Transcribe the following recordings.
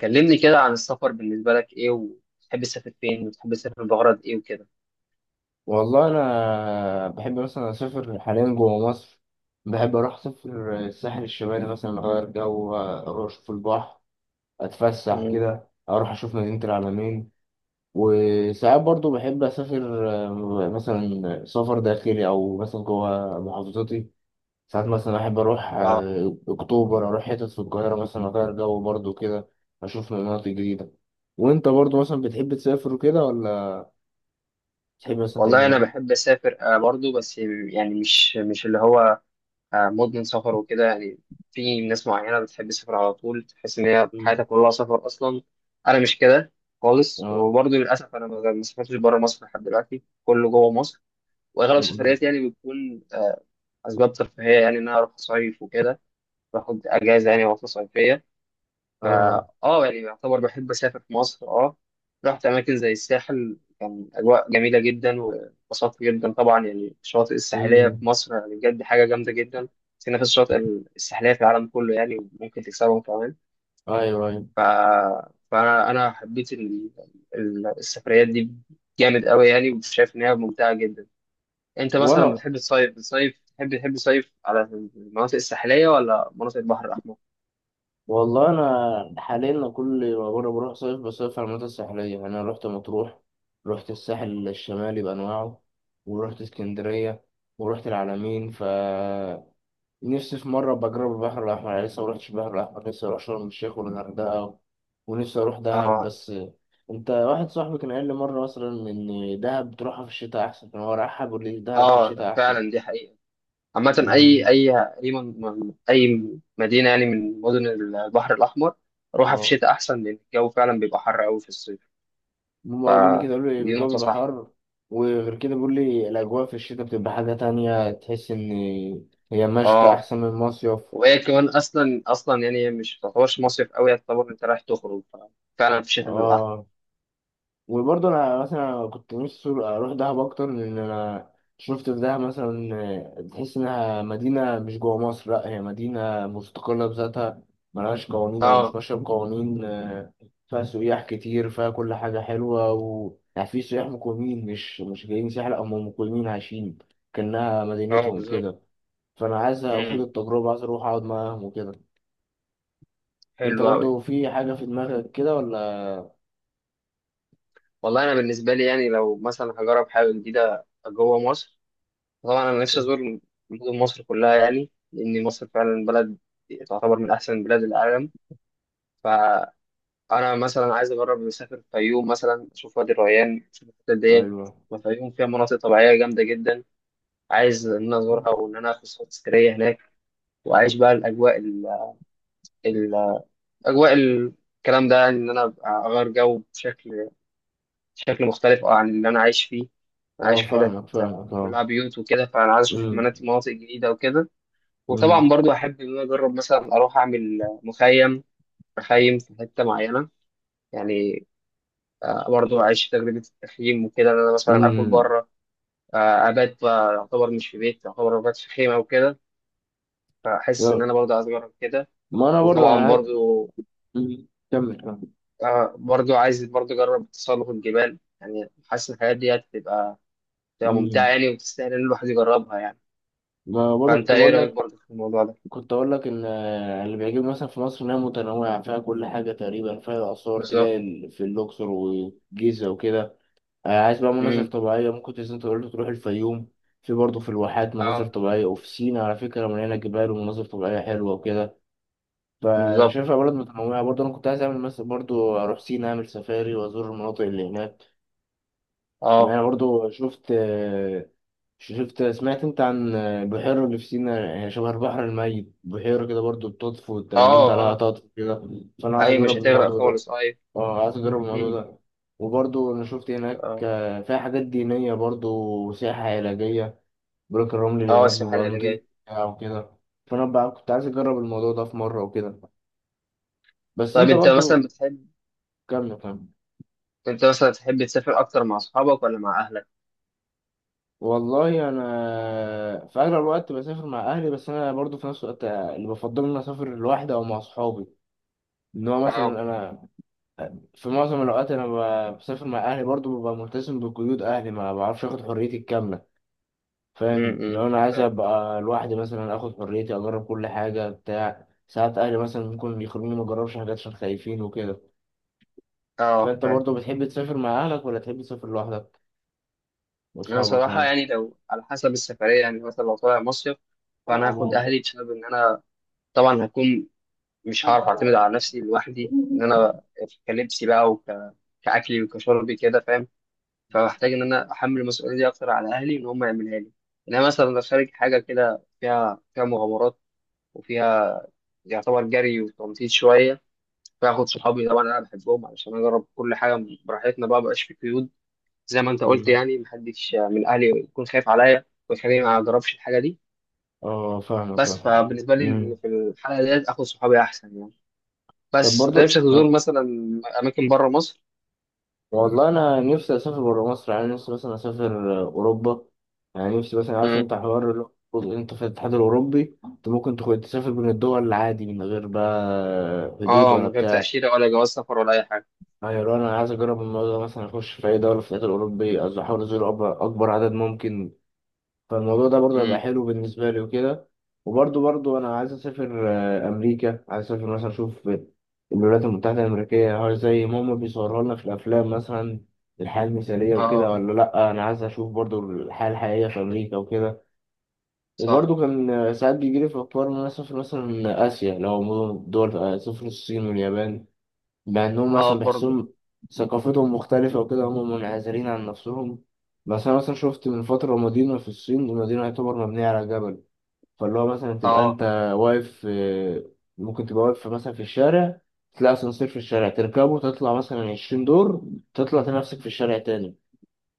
كلمني كده عن السفر. بالنسبة لك إيه وتحب تسافر فين وتحب تسافر بغرض إيه وكده؟ والله، انا بحب مثلا اسافر حاليا جوه مصر. بحب اروح اسافر الساحل الشمالي، مثلا اغير جو، اروح اشوف البحر. اتفسح مم. كده، اروح اشوف مدينة العلمين. وساعات برضو بحب اسافر، مثلا سفر داخلي او مثلا جوه محافظتي. ساعات مثلا احب اروح، آه، اكتوبر، اروح حتت في القاهرة مثلا، اغير جو برضو كده. اشوف مناطق جديدة. وانت برضو مثلا بتحب تسافر وكده، ولا بتحب مثلا والله تعمل أنا ايه؟ بحب أسافر آه برضو، بس يعني مش اللي هو آه مدمن سفر وكده يعني. في ناس معينة بتحب تسافر على طول، تحس إن هي مم. حياتها كلها سفر أصلا. أنا مش كده خالص، اه، وبرضو للأسف أنا ما سافرتش بره مصر لحد دلوقتي، كله جوه مصر. وأغلب سفرياتي يعني بتكون أسباب ترفيهية، يعني إن أنا أروح أصيف وكده، باخد أجازة يعني عطلة صيفية. فا اه. اه يعني يعتبر بحب اسافر في مصر. اه رحت اماكن زي الساحل، كان اجواء جميله جدا واتبسطت جدا. طبعا يعني الشواطئ الساحليه في امم. مصر يعني بجد حاجه جامده جدا. سينا في الشواطئ الساحليه في العالم كله يعني، وممكن تكسبهم كمان. ايوه، ايوه. ف... فانا حبيت السفريات دي جامد قوي يعني، وشايف انها ممتعه جدا. انت مثلا وانا بتحب تصيف، بتصيف تحب تصيف على المناطق الساحليه ولا مناطق البحر الاحمر؟ والله انا حاليا كل ما بره بروح صيف بصيف على المناطق الساحليه، يعني انا رحت مطروح. رحت الساحل الشمالي بانواعه. ورحت اسكندريه. ورحت العلمين. نفسي في مره بجرب البحر الاحمر، يعني لسه ما رحتش البحر الاحمر، لسه اروح شرم الشيخ والغردقه. ونفسي اروح دهب، اه. بس انت، واحد صاحبي كان قال لي مره مثلا ان دهب تروحها في الشتاء احسن، كان هو رايحها بيقول لي دهب في اه الشتاء احسن. فعلا، دي حقيقه. عامة امم. أي مدينة يعني من مدن البحر الأحمر، روحها في اه، الشتاء أحسن، لأن الجو فعلا بيبقى حر أوي في الصيف. هم قالوا لي فدي كده، قالوا لي الجو نقطة بيبقى صح. حر. وغير كده بيقول لي الأجواء في الشتاء بتبقى حاجة تانية، تحس إن هي مشتى أه، أحسن من المصيف. وهي كمان أصلا يعني هي مش تعتبرش مصيف أوي، تعتبر أنت رايح تخرج، ففعلا في الشتاء بيبقى أحسن. اه، وبرضه انا مثلا كنت نفسي اروح دهب اكتر، لان انا شفت في دهب مثلا، تحس انها مدينه مش جوه مصر، لا هي مدينه مستقله بذاتها. ملهاش قوانين، او مش أه. ماشيه بقوانين. فيها سياح كتير، فيها كل حاجه حلوه، و، يعني، في سياح مقيمين، مش جايين سياح، لا هم مقيمين عايشين، كانها أه مدينتهم بالظبط. كده. فانا عايز اخد أمم، التجربه، عايز اروح اقعد معاهم وكده. انت حلو أوي. برضه في حاجه في دماغك كده ولا؟ والله أنا بالنسبة لي يعني لو مثلا هجرب حاجة جديدة جوه مصر، طبعا أنا نفسي أزور مدن مصر كلها، يعني لأن مصر فعلا بلد تعتبر من أحسن بلاد العالم. ف انا مثلا عايز اجرب مسافر الفيوم مثلا، اشوف وادي الريان، اشوف الحتت ديت. ايوه. والفيوم فيها مناطق طبيعيه جامده جدا، عايز ان انا ازورها وان انا اخد صور تذكاريه هناك، واعيش بقى الاجواء ال ال- اجواء ال- الكلام ده، يعني ان انا أبقى اغير جو بشكل مختلف عن اللي انا عايش فيه. أنا اه، عايش في حتت فاهمك، فاهمك، كلها اه. بيوت وكده، فانا عايز اشوف امم. مناطق جديده وكده. وطبعا امم. برضو احب ان انا اجرب مثلا اروح اعمل مخيم مخيم في حته معينه يعني، برضه عشت تجربة التخييم وكده، إن أنا مثلا آكل امم. بره، أبات بقى يعتبر مش في بيت، يعتبر أبات في خيمة وكده. فحاسس إن يا- أنا برضه عايز أجرب كده. ما انا برضو انا وطبعا برضه مم. كمل، كمل. عايز برضه أجرب تسلق الجبال، يعني حاسس إن الحاجات دي هتبقى ممتعة امم. يعني، وتستاهل إن الواحد يجربها يعني. ما برضو فأنت كنت إيه بقول رأيك لك، برضه في الموضوع ده؟ كنت اقول لك ان، اللي بيعجبني مثلا في مصر انها متنوعه، فيها كل حاجه تقريبا، فيها اثار، تلاقي بالظبط. في الاقصر والجيزه وكده. عايز بقى مناظر أمم. طبيعيه، ممكن تنزل، انت قلت تروح الفيوم. في برضه في الواحات مناظر أه طبيعية، وفي سينا على فكرة مليانة جبال ومناظر طبيعية حلوة وكده. فأنا بالظبط. شايفها بلد متنوعة، برضه أنا كنت عايز أعمل مثلا، برضه أروح سينا أعمل سفاري وأزور المناطق اللي هناك. أه. يعني برضو شفت، سمعت انت عن بحيرة اللي في سينا، يعني شبه البحر الميت، بحيرة كده برضو بتطفو، انت لو نمت أه. عليها أه. هتطفو كده. فانا عايز أيوة، مش اجرب هتغرق الموضوع ده. خالص، أيوة. اه، عايز اجرب الموضوع أمم. ده. وبرضو انا شفت هناك، أه. فيها حاجات دينية برضو، وسياحة علاجية. بروك الرمل اللي أه هناك السباحة بيبقى نضيف العلاجية. او كده. فانا بقى كنت عايز اجرب الموضوع ده في مرة وكده. بس طيب انت أنت مثلا برضو، بتحب كمل، كمل. انت مثلا تحب تسافر اكتر مع اصحابك ولا مع اهلك؟ والله انا في اغلب الوقت بسافر مع اهلي، بس انا برضو في نفس الوقت اللي بفضل ان أنا اسافر لوحدي او مع اصحابي. ان هو اه. مثلا انا، في معظم الاوقات انا بسافر مع اهلي، برضو ببقى ملتزم بقيود اهلي، ما بعرفش اخد حريتي الكامله. فاهم، لو انا عايز فاهم. ابقى لوحدي مثلا، اخد حريتي، اجرب كل حاجه بتاع، ساعات اهلي مثلا ممكن يخلوني ما اجربش حاجات عشان خايفين وكده. اه فانت فاهم. برضو بتحب تسافر مع اهلك، ولا تحب تسافر لوحدك انا صراحه واصحابك؟ يعني لو على حسب السفريه، يعني مثلا لو طالع مصيف، فانا هاخد اهلي بسبب ان انا طبعا هكون مش مان. هعرف اعتمد على نفسي لوحدي، ان انا كلبسي بقى وك كاكلي وكشربي كده، فاهم؟ فبحتاج ان انا احمل المسؤوليه دي اكتر على اهلي، ان هم يعملها لي. انما مثلا لو خارج حاجه كده فيها مغامرات، وفيها يعتبر جري وتنطيط شويه، فاخد صحابي طبعا انا بحبهم، علشان اجرب كل حاجه براحتنا بقى، مبقاش في قيود. زي ما انت قلت يعني، محدش من اهلي يكون خايف عليا ويخليني ما اجربش الحاجه دي. اه، فاهم، بس فاهم. فبالنسبه مم. لي في الحاله ديت اخد صحابي احسن يعني. طب بس أنت برضو، نفسك تزور مثلا اماكن بره مصر؟ والله انا نفسي اسافر بره مصر، يعني نفسي مثلا اسافر، اوروبا. يعني نفسي مثلا، عارف امم. انت حوار اللي هو، انت في الاتحاد الاوروبي انت ممكن تسافر بين الدول عادي، من غير بقى حدود اه، ولا من غير بتاع. تاشيره ولا جواز سفر ولا اي حاجه. يعني لو انا عايز اجرب الموضوع ده، مثلا اخش في اي دوله في الاتحاد الاوروبي، احاول ازور اكبر عدد ممكن. فالموضوع ده برضه هيبقى امم. حلو بالنسبة لي وكده. وبرضه أنا عايز أسافر، أمريكا، عايز أسافر مثلا أشوف الولايات المتحدة الأمريكية، هل زي ما هما بيصوروا لنا في الأفلام مثلا الحياة المثالية وكده، اه ولا لأ، أنا عايز أشوف برضه الحياة الحقيقية في أمريكا وكده. صح. وبرضه كان، ساعات بيجيلي في أفكار إن أنا أسافر مثلا آسيا، لو دول، أسافر الصين واليابان. بأنهم اه مثلا برضو. بيحسهم ثقافتهم مختلفة وكده، هم منعزلين عن نفسهم. بس أنا مثلا شفت من فترة مدينة في الصين، المدينة يعتبر مبنية على جبل. فاللي هو مثلا تبقى اه. أنت واقف، ممكن تبقى واقف مثلا في الشارع، تلاقي أسانسير في الشارع، تركبه تطلع مثلا 20 دور، تطلع تلاقي نفسك في الشارع تاني.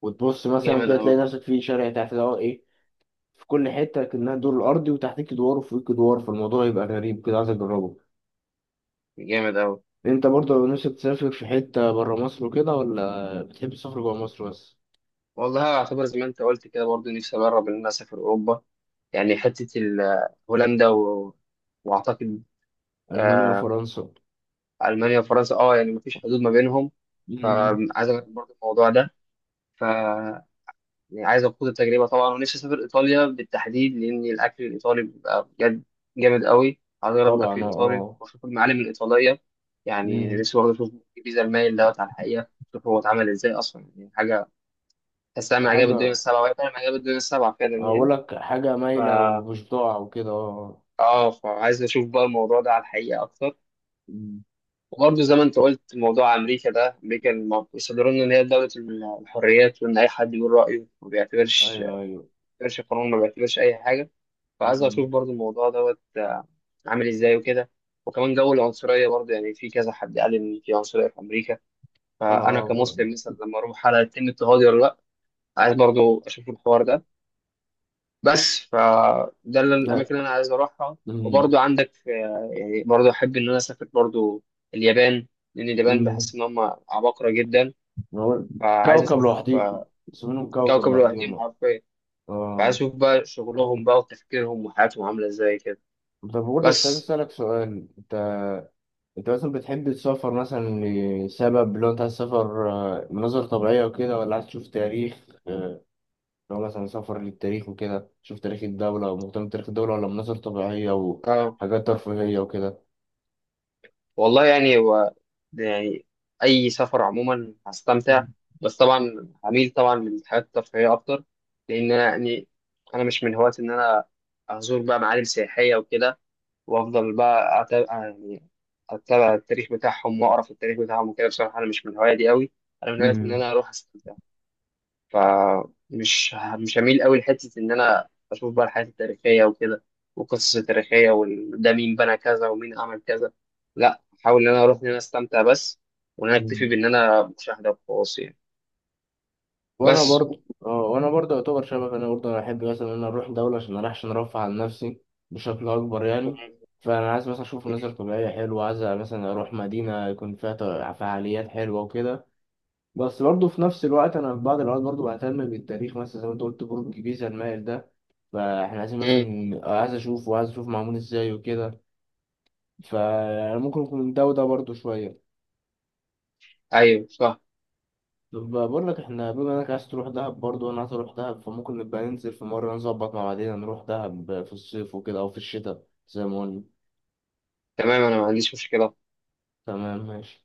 وتبص مثلا جامد كده، اوي. تلاقي نفسك في شارع تحت، ده هو إيه؟ في كل حتة كأنها دور الأرضي، وتحتك دوار وفوقك دوار، فالموضوع يبقى غريب كده، عايز أجربه. جامد اوي. انت برضه لو نفسك تسافر في حتة برا مصر وكده، ولا بتحب تسافر جوا مصر بس؟ والله اعتبر زي ما انت قلت كده، برضو نفسي اجرب ان انا اسافر اوروبا. يعني هولندا واعتقد ألمانيا آه، وفرنسا. المانيا وفرنسا، اه يعني مفيش حدود ما بينهم. مم. فعايز اجرب برضو الموضوع ده. ف يعني عايز اخوض التجربه طبعا، ونفسي اسافر ايطاليا بالتحديد، لان الاكل الايطالي بيبقى بجد جامد قوي، عايز اجرب الاكل طبعا، اه، الايطالي اه. واشوف المعالم الايطاليه. يعني مم. نفسي برضه اشوف الجيزه المايل دوت على الحقيقه، اشوف هو اتعمل ازاي اصلا، يعني حاجه تحسها من عجائب الدنيا حاجة السبعه، وهي فعلا من عجائب الدنيا السبعه فعلا أقول يعني. لك حاجة ف مايلة ومش ضاع وكده، اه. اه فعايز اشوف بقى الموضوع ده على الحقيقه اكتر. مم. وبرضه زي ما انت قلت موضوع امريكا ده، امريكا بيصدروا لنا ان هي دوله الحريات، وان اي حد بيقول رايه ما بيعتبرش، ما أيوه، أيوه. بيعتبرش قانون، ما بيعتبرش اي حاجه. فعايز اشوف مم. برضه الموضوع دوت عامل ازاي وكده. وكمان جو العنصريه برضه، يعني في كذا حد قال ان في عنصريه في امريكا، فانا اه، كمسلم مثلا لما اروح على يتم اضطهادي ولا لا، عايز برضه اشوف الحوار ده. بس فده لا. الاماكن اللي انا عايز اروحها. مم. وبرضو عندك يعني برضو احب ان انا اسافر برضو اليابان، لان اليابان مم. بحس ان هم عباقرة جدا. هو فعايز كوكب اشوف لوحديهم، اسمهم كوكب كوكب لوحديهم، لوحدهم اه. حرفيا. فعايز آه. اشوف بقى شغلهم بقى وتفكيرهم وحياتهم عاملة ازاي كده. طب برضه كنت عايز بس أسألك سؤال، انت مثلا بتحب تسافر مثلا لسبب، لو انت عايز تسافر، مناظر طبيعية وكده، ولا عايز تشوف تاريخ، لو مثلا سفر للتاريخ وكده، تشوف تاريخ الدولة، او مهتم بتاريخ الدولة، ولا مناظر طبيعية اه. وحاجات ترفيهية وكده؟ والله يعني هو ده يعني اي سفر عموما هستمتع، بس طبعا هميل طبعا للحاجات الترفيهية اكتر، لان انا يعني انا مش من هواة ان انا ازور بقى معالم سياحية وكده، وافضل بقى أتابع يعني اتابع التاريخ بتاعهم واقرا في التاريخ بتاعهم وكده. بصراحه انا مش من الهوايه دي قوي، انا من هوايه ان امم. انا اروح استمتع. مش هميل قوي لحته ان انا اشوف بقى الحاجات التاريخيه وكده، والقصص التاريخيه، وده مين بنى كذا ومين عمل كذا. لا احاول ان انا اروح ان انا استمتع بس، وان انا اكتفي أمم. بان انا مشاهده وخلاص يعني. بس وانا برضه يعتبر شبك، انا احب مثلا ان انا اروح دولة، عشان ارفع عن نفسي بشكل اكبر، يعني م- فانا عايز مثلا اشوف م- مناظر طبيعية حلوة، عايز مثلا اروح مدينة يكون فيها فعاليات حلوة وكده. بس برضه في نفس الوقت، انا في بعض الاوقات برضه بهتم بالتاريخ، مثلا زي ما انت قلت برج بيزا المائل ده، فاحنا عايزين م- مثلا، عايز اشوفه وعايز اشوف معمول ازاي وكده. فانا ممكن اكون ده وده برضه شويه. ايوه صح. طب بقول لك، احنا بما انك عايز تروح دهب برضه، وانا عايز اروح دهب، فممكن نبقى ننزل في مره، نظبط مع بعضنا نروح دهب في الصيف وكده، او في الشتاء زي ما قلنا. تمام، انا ما عنديش مشكله. تمام، ماشي.